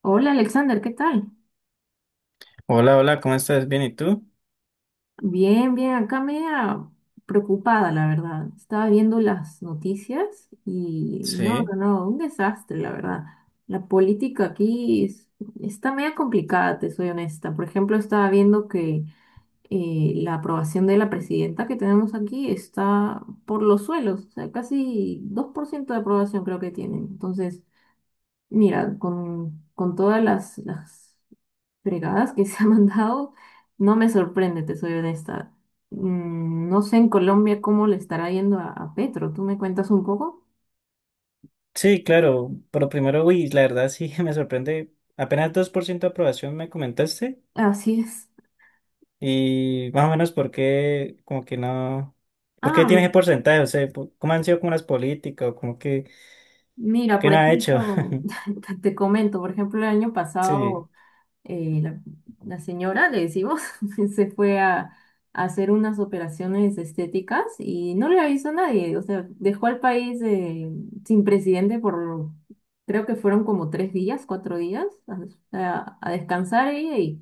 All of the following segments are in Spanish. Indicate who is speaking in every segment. Speaker 1: Hola Alexander, ¿qué tal?
Speaker 2: Hola, hola, ¿cómo estás? ¿Bien? ¿Y tú?
Speaker 1: Bien, bien, acá media preocupada, la verdad. Estaba viendo las noticias y no,
Speaker 2: Sí.
Speaker 1: no, no, un desastre, la verdad. La política aquí es- Está media complicada, te soy honesta. Por ejemplo, estaba viendo que la aprobación de la presidenta que tenemos aquí está por los suelos, o sea, casi 2% de aprobación creo que tienen. Entonces, mira, con todas las fregadas que se ha mandado, no me sorprende, te soy honesta. Mm, no sé en Colombia cómo le estará yendo a Petro. ¿Tú me cuentas un poco?
Speaker 2: Sí, claro, pero primero, uy, la verdad sí me sorprende. Apenas 2% de aprobación me comentaste
Speaker 1: Así es.
Speaker 2: y más o menos por qué, como que no, ¿por qué
Speaker 1: Ah,
Speaker 2: tienes ese porcentaje? O sea, ¿cómo han sido como las políticas o como que,
Speaker 1: mira,
Speaker 2: qué
Speaker 1: por
Speaker 2: no ha hecho?
Speaker 1: ejemplo, te comento, por ejemplo, el año
Speaker 2: Sí,
Speaker 1: pasado. eh, la, la señora, le decimos, se fue a hacer unas operaciones estéticas y no le avisó a nadie. O sea, dejó al país sin presidente por, creo que fueron como 3 días, 4 días, a descansar ella y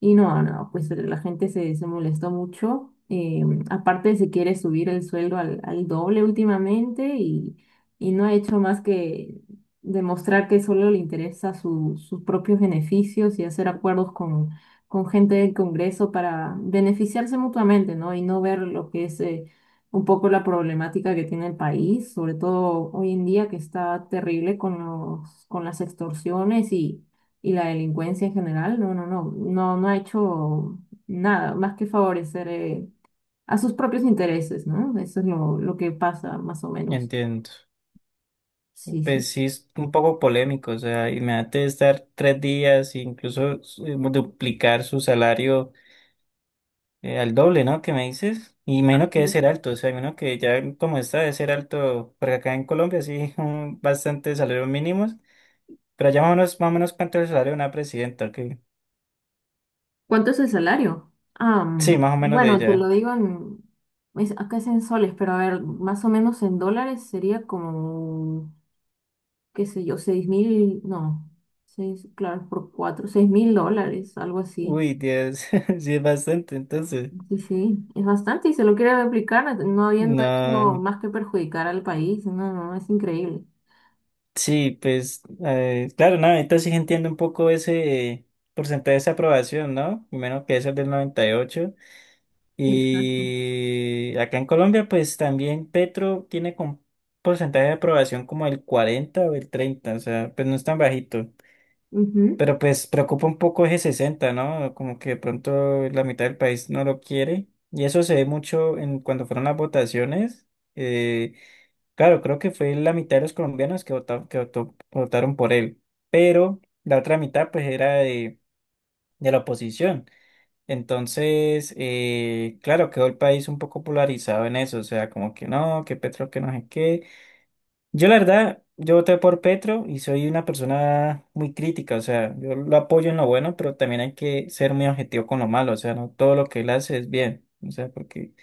Speaker 1: no, pues la gente se molestó mucho. Aparte se quiere subir el sueldo al doble últimamente y no ha hecho más que demostrar que solo le interesa sus propios beneficios y hacer acuerdos con gente del Congreso para beneficiarse mutuamente, ¿no? Y no ver lo que es un poco la problemática que tiene el país, sobre todo hoy en día que está terrible con las extorsiones y la delincuencia en general. No, no, no, no, no ha hecho nada más que favorecer a sus propios intereses, ¿no? Eso es lo que pasa más o menos.
Speaker 2: entiendo.
Speaker 1: Sí,
Speaker 2: Pues
Speaker 1: sí.
Speaker 2: sí, es un poco polémico, o sea, imagínate estar 3 días e incluso duplicar su salario. Al doble, ¿no? ¿Qué me dices? Y menos que debe ser alto, o sea, menos que ya como está debe ser alto, porque acá en Colombia sí, bastante salarios mínimos, pero ya más o menos cuánto es el salario de una presidenta, que
Speaker 1: ¿Cuánto es el salario? Ah,
Speaker 2: sí,
Speaker 1: mm,
Speaker 2: más o menos de
Speaker 1: bueno, te lo
Speaker 2: ella.
Speaker 1: digo acá es en soles, pero a ver, más o menos en dólares sería como, qué sé yo, 6000, no, seis, claro, por cuatro, 6000 dólares, algo así.
Speaker 2: Uy, Dios, sí es bastante, entonces,
Speaker 1: Sí, sí, es bastante y se lo quiere replicar no no habiendo hecho
Speaker 2: no,
Speaker 1: más que perjudicar al país. No, no, es increíble.
Speaker 2: sí, pues, claro, no, ahorita sí entiendo un poco ese porcentaje de aprobación, ¿no? Y menos que es el del 98.
Speaker 1: Exacto.
Speaker 2: Y acá en Colombia, pues también Petro tiene con porcentaje de aprobación como el 40 o el 30, o sea, pues no es tan bajito.
Speaker 1: Ujú.
Speaker 2: Pero pues preocupa un poco ese 60, ¿no? Como que de pronto la mitad del país no lo quiere. Y eso se ve mucho en cuando fueron las votaciones. Eh, claro, creo que fue la mitad de los colombianos que votaron, que votaron por él. Pero la otra mitad, pues, era de la oposición. Entonces, claro, quedó el país un poco polarizado en eso, o sea, como que no, que Petro, que no sé qué. Yo la verdad, yo voté por Petro y soy una persona muy crítica, o sea, yo lo apoyo en lo bueno, pero también hay que ser muy objetivo con lo malo, o sea, no todo lo que él hace es bien, o sea, porque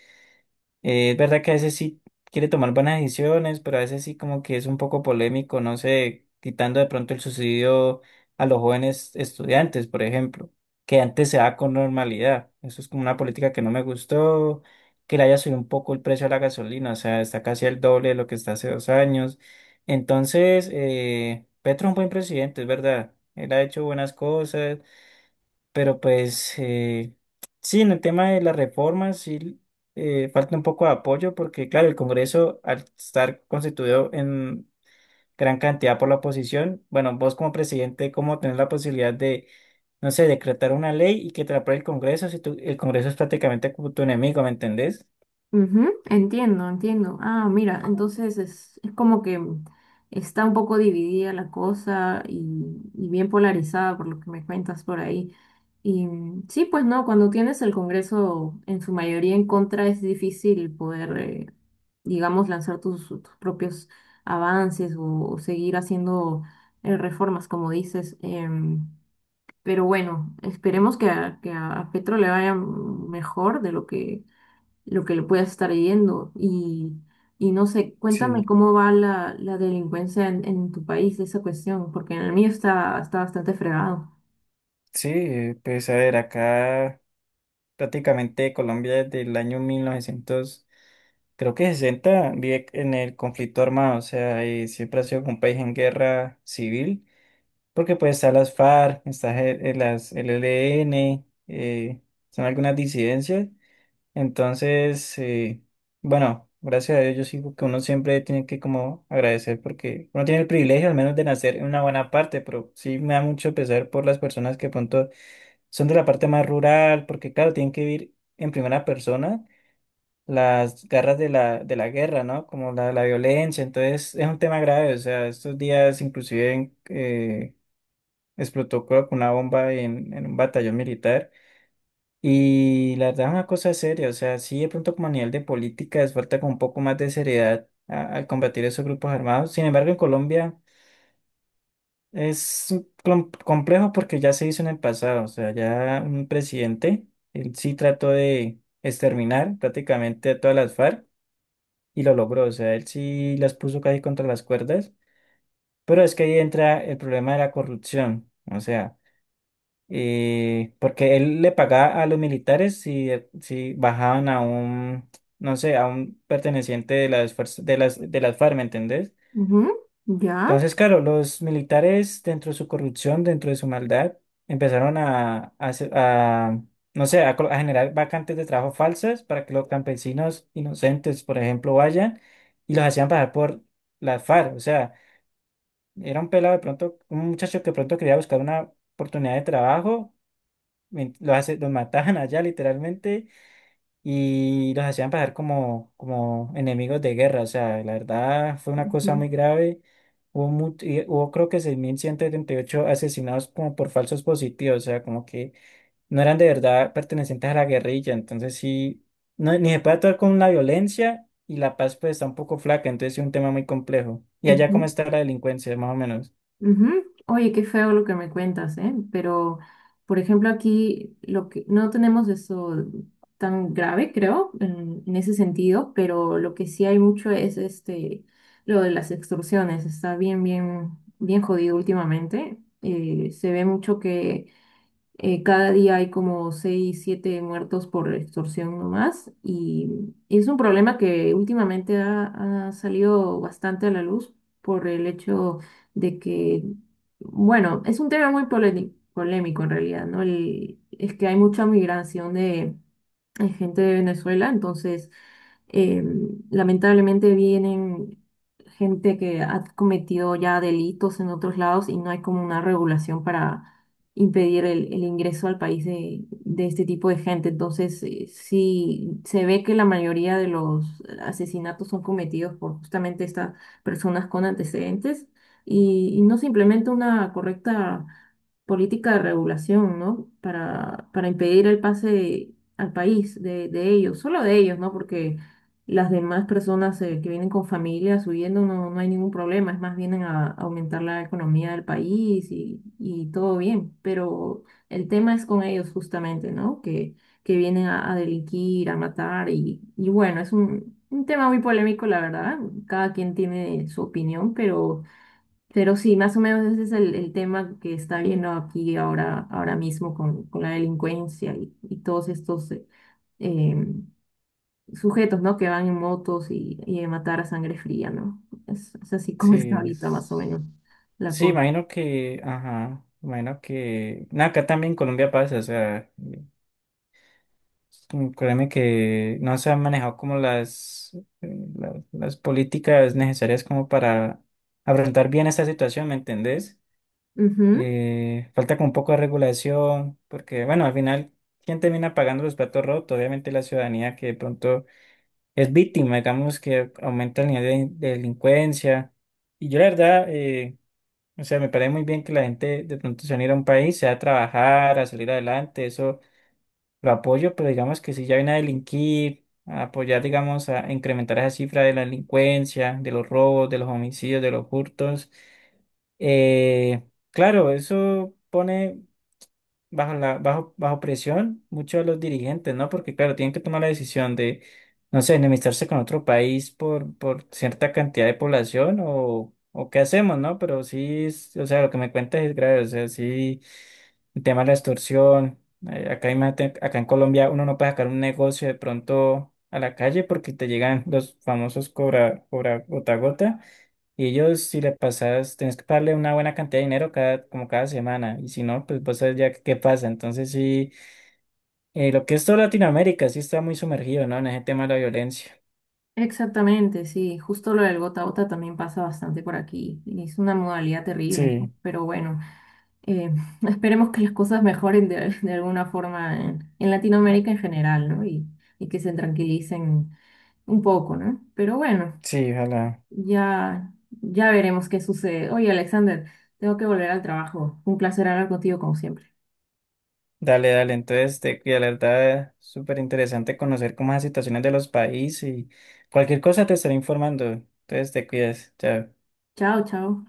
Speaker 2: es verdad que a veces sí quiere tomar buenas decisiones, pero a veces sí como que es un poco polémico, no sé, quitando de pronto el subsidio a los jóvenes estudiantes, por ejemplo, que antes se da con normalidad. Eso es como una política que no me gustó, que le haya subido un poco el precio a la gasolina, o sea, está casi el doble de lo que está hace 2 años. Entonces, Petro es un buen presidente, es verdad. Él ha hecho buenas cosas, pero pues sí, en el tema de las reformas sí falta un poco de apoyo porque claro, el Congreso al estar constituido en gran cantidad por la oposición, bueno, vos como presidente, ¿cómo tenés la posibilidad de, no sé, decretar una ley y que te la apruebe el Congreso si el Congreso es prácticamente como tu enemigo, ¿me entendés?
Speaker 1: Ujú, entiendo, entiendo. Ah, mira, entonces es como que está un poco dividida la cosa y bien polarizada por lo que me cuentas por ahí. Y mm, sí, pues no, cuando tienes el Congreso en su mayoría en contra es difícil poder, digamos, lanzar tus propios avances o seguir haciendo reformas, como dices. Pero bueno, esperemos que que a Petro le vaya mejor de lo que le puedas estar yendo. Y no sé, cuéntame
Speaker 2: Sí,
Speaker 1: cómo va la delincuencia en tu país, esa cuestión, porque en el mío está, está bastante fregado.
Speaker 2: sí, pues a ver, acá prácticamente Colombia desde el año mil novecientos, creo que 60, vive en el conflicto armado, o sea, y siempre ha sido como un país en guerra civil, porque pues están las FARC, está las LLN, son algunas disidencias. Entonces, bueno, gracias a Dios yo sigo que uno siempre tiene que como agradecer porque uno tiene el privilegio al menos de nacer en una buena parte, pero sí me da mucho pesar por las personas que pronto son de la parte más rural, porque claro, tienen que vivir en primera persona las garras de la guerra, ¿no? Como la violencia. Entonces es un tema grave, o sea, estos días inclusive explotó creo que una bomba en un batallón militar, y la verdad es una cosa seria, o sea, sí de pronto como a nivel de políticas falta con un poco más de seriedad al combatir esos grupos armados. Sin embargo, en Colombia es un complejo porque ya se hizo en el pasado, o sea, ya un presidente, él sí trató de exterminar prácticamente a todas las FARC, y lo logró. O sea, él sí las puso casi contra las cuerdas, pero es que ahí entra el problema de la corrupción. O sea, porque él le pagaba a los militares si, si bajaban a un, no sé, a un perteneciente de las fuerzas, de las FARC, ¿me entendés?
Speaker 1: Ujú, ya.
Speaker 2: Entonces, claro, los militares, dentro de su corrupción, dentro de su maldad, empezaron a, no sé, a generar vacantes de trabajo falsas para que los campesinos inocentes, por ejemplo, vayan y los hacían pasar por las FARC. O sea, era un pelado de pronto, un muchacho que de pronto quería buscar una oportunidad de trabajo, los mataban allá literalmente y los hacían pasar como, enemigos de guerra. O sea, la verdad fue una cosa
Speaker 1: Ujú,
Speaker 2: muy grave. Hubo, mu- y hubo creo que 6.178 asesinados como por falsos positivos, o sea, como que no eran de verdad pertenecientes a la guerrilla. Entonces sí, no, ni se puede actuar con la violencia y la paz pues está un poco flaca, entonces es un tema muy complejo. ¿Y allá cómo
Speaker 1: ujú.
Speaker 2: está la delincuencia, más o menos?
Speaker 1: Ujú. Oye, qué feo lo que me cuentas, ¿eh? Pero, por ejemplo, aquí lo que no tenemos eso tan grave, creo, en ese sentido, pero lo que sí hay mucho es este lo de las extorsiones. Está bien, bien, bien jodido últimamente. Se ve mucho que cada día hay como 6 7 muertos por extorsión nomás y es un problema que últimamente ha salido bastante a la luz por el hecho de que, bueno, es un tema muy polémico en realidad, ¿no? Es que hay mucha migración de es gente de Venezuela, entonces eh, lamentablemente vienen gente que ha cometido ya delitos en otros lados y no hay como una regulación para impedir el ingreso al país de este tipo de gente. Entonces, sí se ve que la mayoría de los asesinatos son cometidos por justamente estas personas con antecedentes y no se implementa una correcta política de regulación, ¿no? Para impedir el pase al país de ellos, solo de ellos, ¿no? Porque las demás personas que vienen con familias huyendo no, no hay ningún problema, es más, vienen a, aumentar la economía del país y todo bien, pero el tema es con ellos justamente, ¿no? Que vienen a delinquir, a matar y bueno, es un tema muy polémico, la verdad, cada quien tiene su opinión, pero... Pero sí, más o menos ese es el tema que está viendo aquí ahora, ahora mismo con la delincuencia y todos estos em, sujetos, ¿no? Que van en motos y a matar a sangre fría, ¿no? Es así como está
Speaker 2: Sí.
Speaker 1: ahorita más o
Speaker 2: es-
Speaker 1: menos la
Speaker 2: Sí,
Speaker 1: cosa.
Speaker 2: imagino que, ajá, imagino que, no, acá también en Colombia pasa, o sea. Créeme que no se han manejado como las, las políticas necesarias como para afrontar bien esta situación, ¿me entendés?
Speaker 1: Ujú,
Speaker 2: Falta como un poco de regulación, porque bueno, al final, ¿quién termina pagando los platos rotos? Obviamente la ciudadanía que de pronto es víctima, digamos que aumenta el nivel de delincuencia. Y yo la verdad, o sea, me parece muy bien que la gente de pronto se unir a un país, sea a trabajar, a salir adelante, eso lo apoyo, pero digamos que si ya viene a delinquir, a apoyar, digamos, a incrementar esa cifra de la delincuencia, de los robos, de los homicidios, de los hurtos, eh, claro, eso pone bajo presión muchos de los dirigentes, ¿no? Porque claro, tienen que tomar la decisión de, no sé, enemistarse con otro país por cierta cantidad de población, o qué hacemos, ¿no? Pero sí, o sea, lo que me cuentas es grave, o sea, sí, el tema de la extorsión, acá, imagínate, acá en Colombia uno no puede sacar un negocio de pronto a la calle porque te llegan los famosos cobra gota a gota. Y ellos, si le pasas, tenés que pagarle una buena cantidad de dinero cada, como cada semana. Y si no, pues vos sabes ya qué pasa. Entonces, sí, lo que es toda Latinoamérica sí está muy sumergido, ¿no? En ese tema de la violencia.
Speaker 1: exactamente, sí. Justo lo del gota a gota también pasa bastante por aquí. Y es una modalidad terrible, ¿no?
Speaker 2: Sí,
Speaker 1: Pero bueno, eh, esperemos que las cosas mejoren de alguna forma en Latinoamérica en general, ¿no? Y que se tranquilicen un poco, ¿no? Pero bueno,
Speaker 2: sí, ojalá.
Speaker 1: ya, ya veremos qué sucede. Oye, Alexander, tengo que volver al trabajo. Un placer hablar contigo como siempre.
Speaker 2: Dale, dale. Entonces, te, y la verdad, súper interesante conocer cómo es las situaciones de los países, y cualquier cosa te estaré informando. Entonces, te cuidas. Chao.
Speaker 1: Chao, chao.